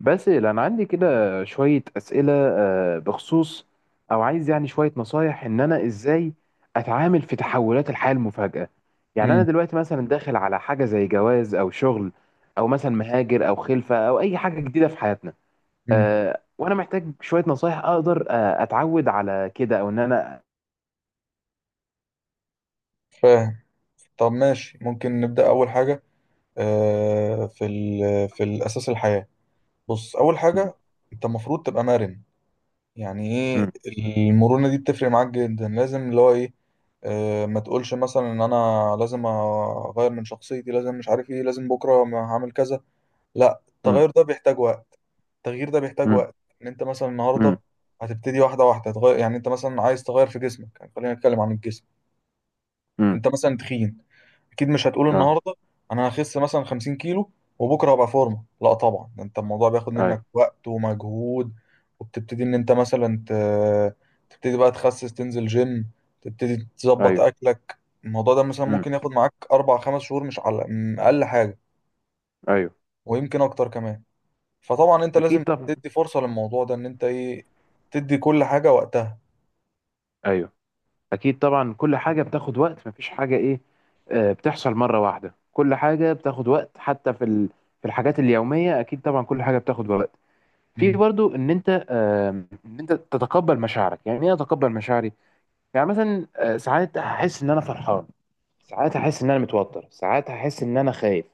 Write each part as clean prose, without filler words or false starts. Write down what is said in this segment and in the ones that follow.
بس انا عندي كده شويه اسئله، بخصوص او عايز يعني شويه نصايح ان انا ازاي اتعامل في تحولات الحياه المفاجئه. يعني انا امم دلوقتي مثلا داخل على حاجه زي جواز او شغل، او مثلا مهاجر او خلفه او اي حاجه جديده في حياتنا، امم وانا محتاج شويه نصايح اقدر اتعود على كده او ان انا. فاهم. طب ماشي، ممكن نبدأ أول حاجة. آه، في ال في الأساس الحياة. بص، أول م- حاجة أنت المفروض تبقى مرن. يعني إيه؟ م- المرونة دي بتفرق معاك جدا، لازم اللي هو إيه. ما تقولش مثلا إن أنا لازم أغير من شخصيتي، لازم مش عارف إيه، لازم بكرة ما هعمل كذا. لا، م- التغير ده بيحتاج وقت. التغيير ده بيحتاج م- وقت. إن أنت مثلا م- النهاردة هتبتدي واحدة واحدة تغير. يعني أنت مثلا عايز تغير في جسمك، يعني خلينا نتكلم عن الجسم. م- انت مثلا تخين، اكيد مش هتقول اه، النهارده انا هخس مثلا 50 كيلو وبكره هبقى فورمه. لا طبعا، ده انت الموضوع بياخد منك ايوه، وقت ومجهود. وبتبتدي ان انت مثلا تبتدي بقى تخسس، تنزل جيم، تبتدي تظبط ايوه اكلك. الموضوع ده مثلا ممكن م- ياخد معاك اربع خمس شهور، مش على اقل حاجه. ايوه. ويمكن اكتر كمان. فطبعا انت لازم اكيد طبعا، تدي فرصه للموضوع ده ان انت ايه، تدي كل حاجه وقتها. ايوه، اكيد طبعا. كل حاجه بتاخد وقت، مفيش حاجه ايه بتحصل مره واحده. كل حاجه بتاخد وقت، حتى في الحاجات اليوميه اكيد طبعا كل حاجه بتاخد وقت. في مم. برضو ان انت تتقبل مشاعرك. يعني ايه اتقبل مشاعري؟ يعني مثلا ساعات هحس ان انا فرحان، ساعات هحس ان انا متوتر، ساعات هحس ان انا خايف.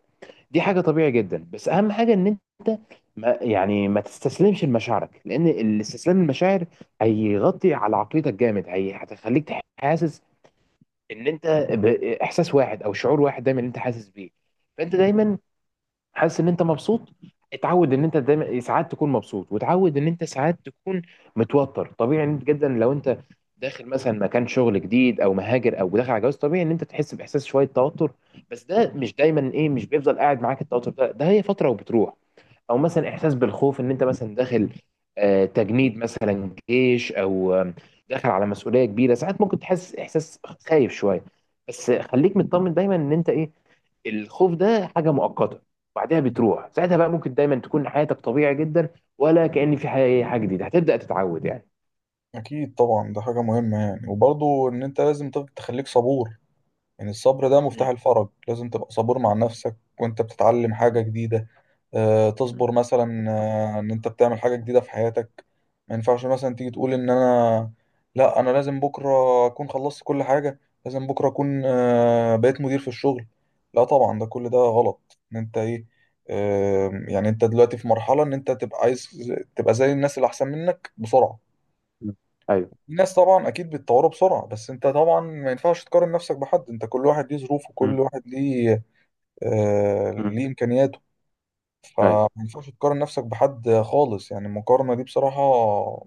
دي حاجه طبيعي جدا، بس اهم حاجه ان انت ما يعني ما تستسلمش لمشاعرك، لان الاستسلام للمشاعر هيغطي على عقليتك جامد. هي هتخليك حاسس ان انت باحساس واحد او شعور واحد دايما انت حاسس بيه. فانت دايما حاسس ان انت مبسوط. اتعود ان انت دايما ساعات تكون مبسوط، وتعود ان انت ساعات تكون متوتر. طبيعي إن انت جدا لو انت داخل مثلا مكان شغل جديد او مهاجر او داخل على جواز، طبيعي ان انت تحس باحساس شويه توتر. بس ده مش دايما ايه، مش بيفضل قاعد معاك التوتر ده، هي فتره وبتروح. او مثلا احساس بالخوف، ان انت مثلا داخل تجنيد مثلا جيش او داخل على مسؤوليه كبيره، ساعات ممكن تحس احساس خايف شويه. بس خليك مطمن دايما ان انت ايه الخوف ده حاجه مؤقته بعدها بتروح. ساعتها بقى ممكن دايما تكون حياتك طبيعي جدا، ولا كأن في حاجة جديده هتبدأ تتعود يعني. اكيد طبعا، ده حاجه مهمه يعني. وبرضه ان انت لازم تخليك صبور. يعني الصبر ده مفتاح م- الفرج. لازم تبقى صبور مع نفسك وانت بتتعلم حاجة م- جديدة. تصبر مثلا، ان انت بتعمل حاجة جديدة في حياتك. ما ينفعش مثلا تيجي تقول ان انا، لا انا لازم بكرة اكون خلصت كل حاجة، لازم بكرة اكون بقيت مدير في الشغل. لا طبعا، ده كل ده غلط ان انت ايه. يعني انت دلوقتي في مرحلة ان انت تبقى عايز تبقى زي الناس اللي احسن منك بسرعة. م. ايوه. الناس طبعا اكيد بيتطوروا بسرعه، بس انت طبعا ما ينفعش تقارن نفسك بحد. انت كل واحد ليه ظروفه، م- وكل واحد ليه م. ليه امكانياته. ايوه فما ينفعش تقارن نفسك بحد خالص. يعني المقارنه دي بصراحه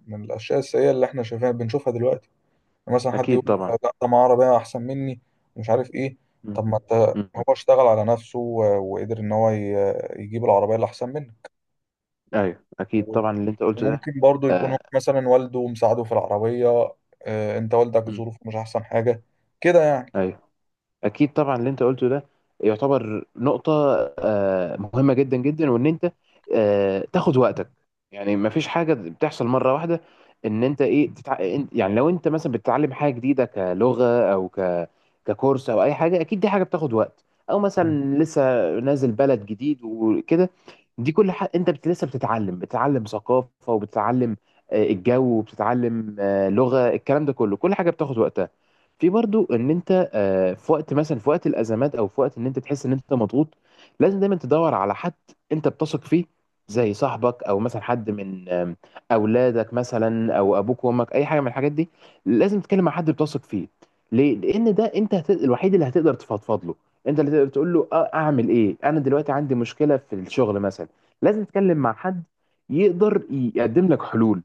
من الاشياء السيئه اللي احنا بنشوفها دلوقتي. يعني مثلا حد اكيد يقول لا طبعا. ده معاه عربيه احسن مني مش عارف ايه. م- طب ما انت، م. هو اشتغل على نفسه وقدر ان هو يجيب العربيه اللي احسن ايوه اكيد منه. طبعا اللي انت قلته ده. ممكن برضو يكون هو آه، مثلا والده مساعده في العربية. انت والدك م. ظروفه مش احسن حاجة كده يعني. ايوه اكيد طبعا اللي انت قلته ده يعتبر نقطة مهمة جدا جدا، وان انت تاخد وقتك. يعني ما فيش حاجة بتحصل مرة واحدة، ان انت ايه يعني لو انت مثلا بتتعلم حاجة جديدة كلغة او ككورس او اي حاجة، اكيد دي حاجة بتاخد وقت. او مم. مثلا لسه نازل بلد جديد وكده، دي كل حاجة لسه بتتعلم. بتتعلم ثقافة وبتتعلم الجو، وبتتعلم لغة الكلام، ده كله كل حاجة بتاخد وقتها. في برضو ان انت في وقت مثلا، في وقت الازمات او في وقت ان انت تحس ان انت مضغوط، لازم دايما تدور على حد انت بتثق فيه، زي صاحبك او مثلا حد من اولادك مثلا، او ابوك وامك، اي حاجه من الحاجات دي. لازم تتكلم مع حد بتثق فيه. ليه؟ لان ده انت الوحيد اللي هتقدر تفضفض له. انت اللي تقدر تقول له اعمل ايه، انا دلوقتي عندي مشكله في الشغل مثلا. لازم تتكلم مع حد يقدر يقدم لك حلول.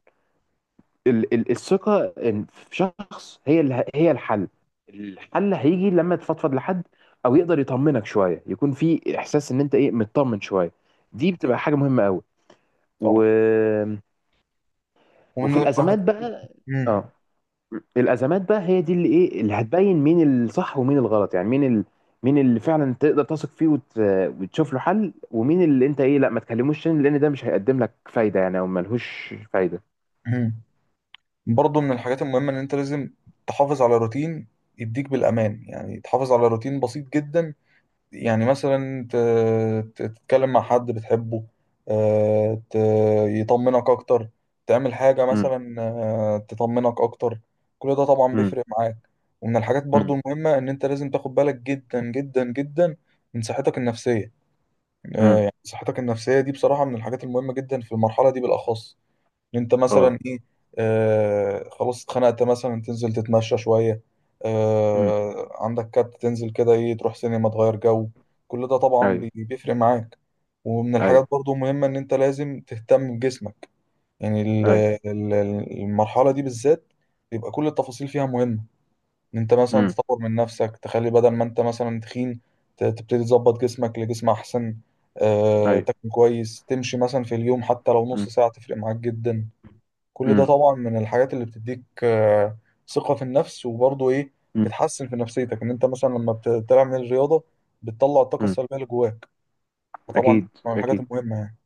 الثقة إن في شخص هي الحل. الحل هيجي لما تفضفض لحد، او يقدر يطمنك شوية، يكون في احساس ان انت ايه مطمن شوية. دي اكيد بتبقى حاجة مهمة قوي. و... طبعا. وفي ومن واحد- الازمات بقى، مم. اه. الازمات بقى هي دي اللي ايه اللي هتبين مين الصح ومين الغلط. يعني مين اللي فعلا تقدر تثق فيه وتشوف له حل، ومين اللي انت ايه لا ما تكلموش تاني، لان ده مش هيقدم لك فايدة يعني، او ملهوش فايدة. مم. برضو من الحاجات المهمة ان انت لازم تحافظ على روتين يديك بالامان. يعني تحافظ على روتين بسيط جدا. يعني مثلا تتكلم مع حد بتحبه. آه، ت- يطمنك أكتر. تعمل حاجة امم، مثلا تطمنك أكتر. كل ده طبعا بيفرق معاك. ومن الحاجات امم، برضو المهمة إن أنت لازم تاخد بالك جدا جدا جدا من صحتك النفسية. امم. يعني صحتك النفسية دي بصراحة من الحاجات المهمة جدا في المرحلة دي بالأخص. ان انت مثلا اه. ايه، خلاص اتخنقت مثلا، تنزل تتمشى شوية. عندك كات، تنزل كده ايه، تروح سينما تغير جو. كل ده طبعا ايوه، بيفرق معاك. ومن الحاجات ايوه، برضو مهمة ان انت لازم تهتم بجسمك. يعني ال- ايوه. ال- المرحلة دي بالذات يبقى كل التفاصيل فيها مهمة. ان انت مثلا امم. تطور من نفسك، تخلي بدل ما انت مثلا تخين تبتدي تظبط جسمك لجسم احسن. ايوه. تاكل كويس، تمشي مثلا في اليوم حتى لو نص امم، ساعة تفرق معاك جدا. كل ده امم، طبعا من الحاجات اللي بتديك ثقة في النفس. وبرضه ايه، امم، بتحسن في نفسيتك ان انت مثلا لما بتعمل الرياضة، بتطلع الطاقة أمم. السلبية اللي جواك. فطبعا دي اكيد، من الحاجات اكيد. المهمة يعني.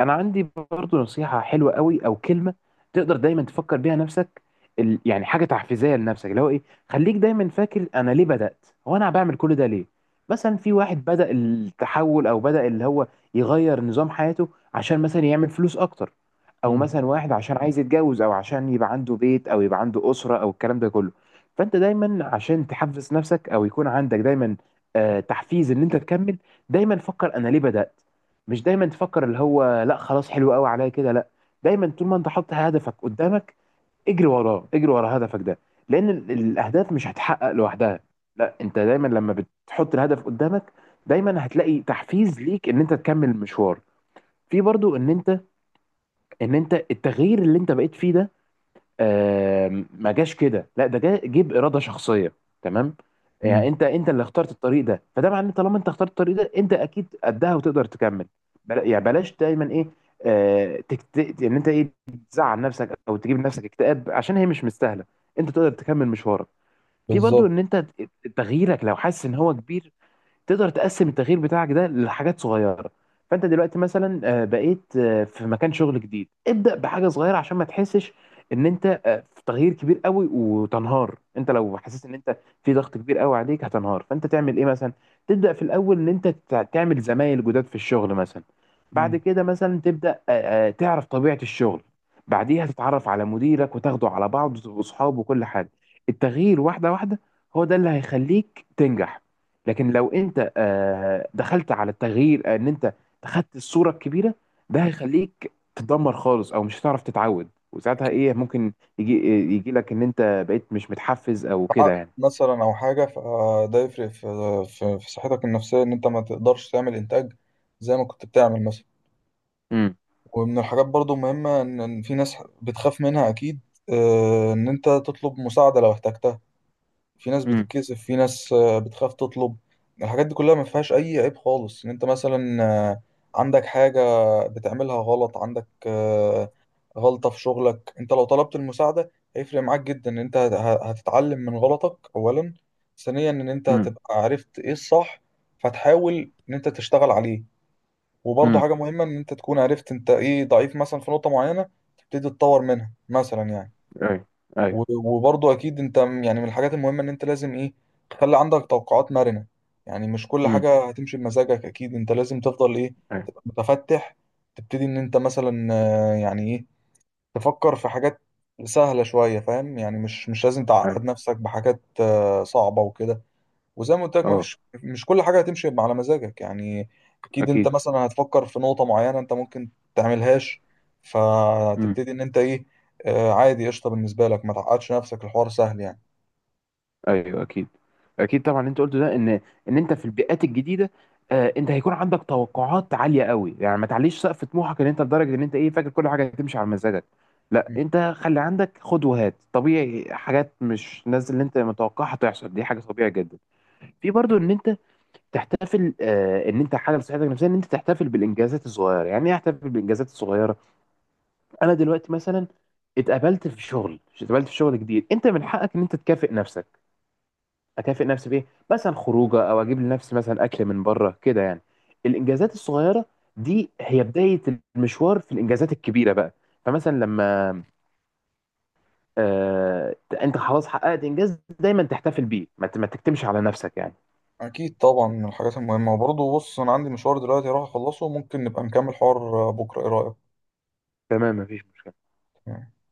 انا عندي برضو نصيحة حلوة قوي او كلمة تقدر دايما تفكر بيها نفسك. يعني حاجة تحفيزية لنفسك، اللي هو ايه خليك دايما فاكر انا ليه بدأت، هو انا بعمل كل ده ليه. مثلا في واحد بدأ التحول، او بدأ اللي هو يغير نظام حياته عشان مثلا يعمل فلوس اكتر، او مم. مثلا واحد عشان عايز يتجوز، او عشان يبقى عنده بيت او يبقى عنده أسرة او الكلام ده كله. فانت دايما عشان تحفز نفسك، او يكون عندك دايما تحفيز ان انت تكمل، دايما فكر انا ليه بدأت. مش دايما تفكر اللي هو لا خلاص حلو قوي عليا كده، لا. دايما طول ما انت حاطط هدفك قدامك، اجري وراه، اجري ورا هدفك ده. لان الاهداف مش هتحقق لوحدها. لا، انت دايما لما بتحط الهدف قدامك دايما هتلاقي تحفيز ليك ان انت تكمل المشوار. في برضو ان انت التغيير اللي انت بقيت فيه ده ما جاش كده، لا، ده جه باراده شخصيه، تمام. يعني امم انت اللي اخترت الطريق ده، فده معناه ان طالما انت اخترت الطريق ده، انت اكيد قدها وتقدر تكمل. بلا يعني بلاش دايما ايه آه تكت... ان انت ايه تزعل نفسك او تجيب لنفسك اكتئاب، عشان هي مش مستاهله. انت تقدر تكمل مشوارك. في برضو بالظبط. ان انت تغييرك لو حاسس ان هو كبير، تقدر تقسم التغيير بتاعك ده لحاجات صغيره. فانت دلوقتي مثلا بقيت في مكان شغل جديد، ابدا بحاجه صغيره، عشان ما تحسش ان انت في تغيير كبير قوي وتنهار. انت لو حسيت ان انت في ضغط كبير قوي عليك هتنهار. فانت تعمل ايه مثلا؟ تبدا في الاول ان انت تعمل زمايل جداد في الشغل مثلا، بعد امم كده مثلا تبدا تعرف طبيعه الشغل، بعديها تتعرف على مديرك وتاخده على بعض واصحابه وكل حاجه. التغيير واحده واحده هو ده اللي هيخليك تنجح. لكن لو انت دخلت على التغيير ان انت خدت الصوره الكبيره، ده هيخليك تدمر خالص، او مش هتعرف تتعود. وساعتها اكيد. ايه ممكن يجي لك ان انت بقيت مش متحفز او عقد كده يعني. مثلا او حاجة، فده يفرق في صحتك النفسية ان انت ما تقدرش تعمل انتاج زي ما كنت بتعمل مثلا. امم، ومن الحاجات برضه مهمة إن في ناس بتخاف منها اكيد. ان انت تطلب مساعدة لو احتجتها. في ناس امم، بتتكسف، في ناس بتخاف تطلب. الحاجات دي كلها ما فيهاش اي عيب خالص. ان انت مثلا عندك حاجة بتعملها غلط، عندك غلطة في شغلك، انت لو طلبت المساعدة هيفرق معاك جدا. ان انت هتتعلم من غلطك اولا، ثانيا ان انت امم، هتبقى عرفت ايه الصح، فتحاول ان انت تشتغل عليه. وبرضه امم. حاجة مهمة ان انت تكون عرفت انت ايه ضعيف مثلا في نقطة معينة، تبتدي تتطور منها مثلا يعني. ايوه، ايوه. وبرضه اكيد انت يعني من الحاجات المهمه ان انت لازم ايه، تخلي عندك توقعات مرنه. يعني مش كل امم. حاجه هتمشي بمزاجك. اكيد انت لازم تفضل ايه، ايوه، تبقى متفتح. تبتدي ان انت مثلا يعني ايه، تفكر في حاجات سهله شويه فاهم يعني. مش لازم ايوه. تعقد نفسك بحاجات صعبه وكده. وزي ما قلت لك اه. مفيش، مش كل حاجه هتمشي على مزاجك يعني. اكيد انت اكيد. مثلا هتفكر في نقطه معينه انت ممكن تعملهاش. امم. فتبتدي ان انت ايه، عادي قشطه بالنسبه لك، ما تعقدش نفسك، الحوار سهل يعني. ايوه. اكيد. اكيد طبعا اللي انت قلته ده ان انت في البيئات الجديده انت هيكون عندك توقعات عاليه قوي. يعني ما تعليش سقف طموحك ان انت لدرجه ان انت ايه فاكر كل حاجه هتمشي على مزاجك. لا، م. انت خلي عندك خد وهات طبيعي، حاجات مش نازل اللي انت متوقعها تحصل، دي حاجه طبيعيه جدا. في برضو ان انت تحتفل ان انت حاجه لصحتك النفسيه، ان انت تحتفل بالانجازات الصغيره. يعني ايه احتفل بالانجازات الصغيره؟ انا دلوقتي مثلا اتقبلت في شغل جديد، انت من حقك ان انت تكافئ نفسك. اكافئ نفسي بايه؟ مثلا خروجه، او اجيب لنفسي مثلا اكل من بره كده يعني. الانجازات الصغيره دي هي بدايه المشوار في الانجازات الكبيره بقى. فمثلا لما آه انت خلاص حققت انجاز دايما تحتفل بيه، ما تكتمش على نفسك يعني. اكيد طبعا من الحاجات المهمه. وبرضه بص، انا عندي مشوار دلوقتي راح اخلصه، ممكن نبقى نكمل حوار بكره، ايه تمام، مفيش مشكله. رايك؟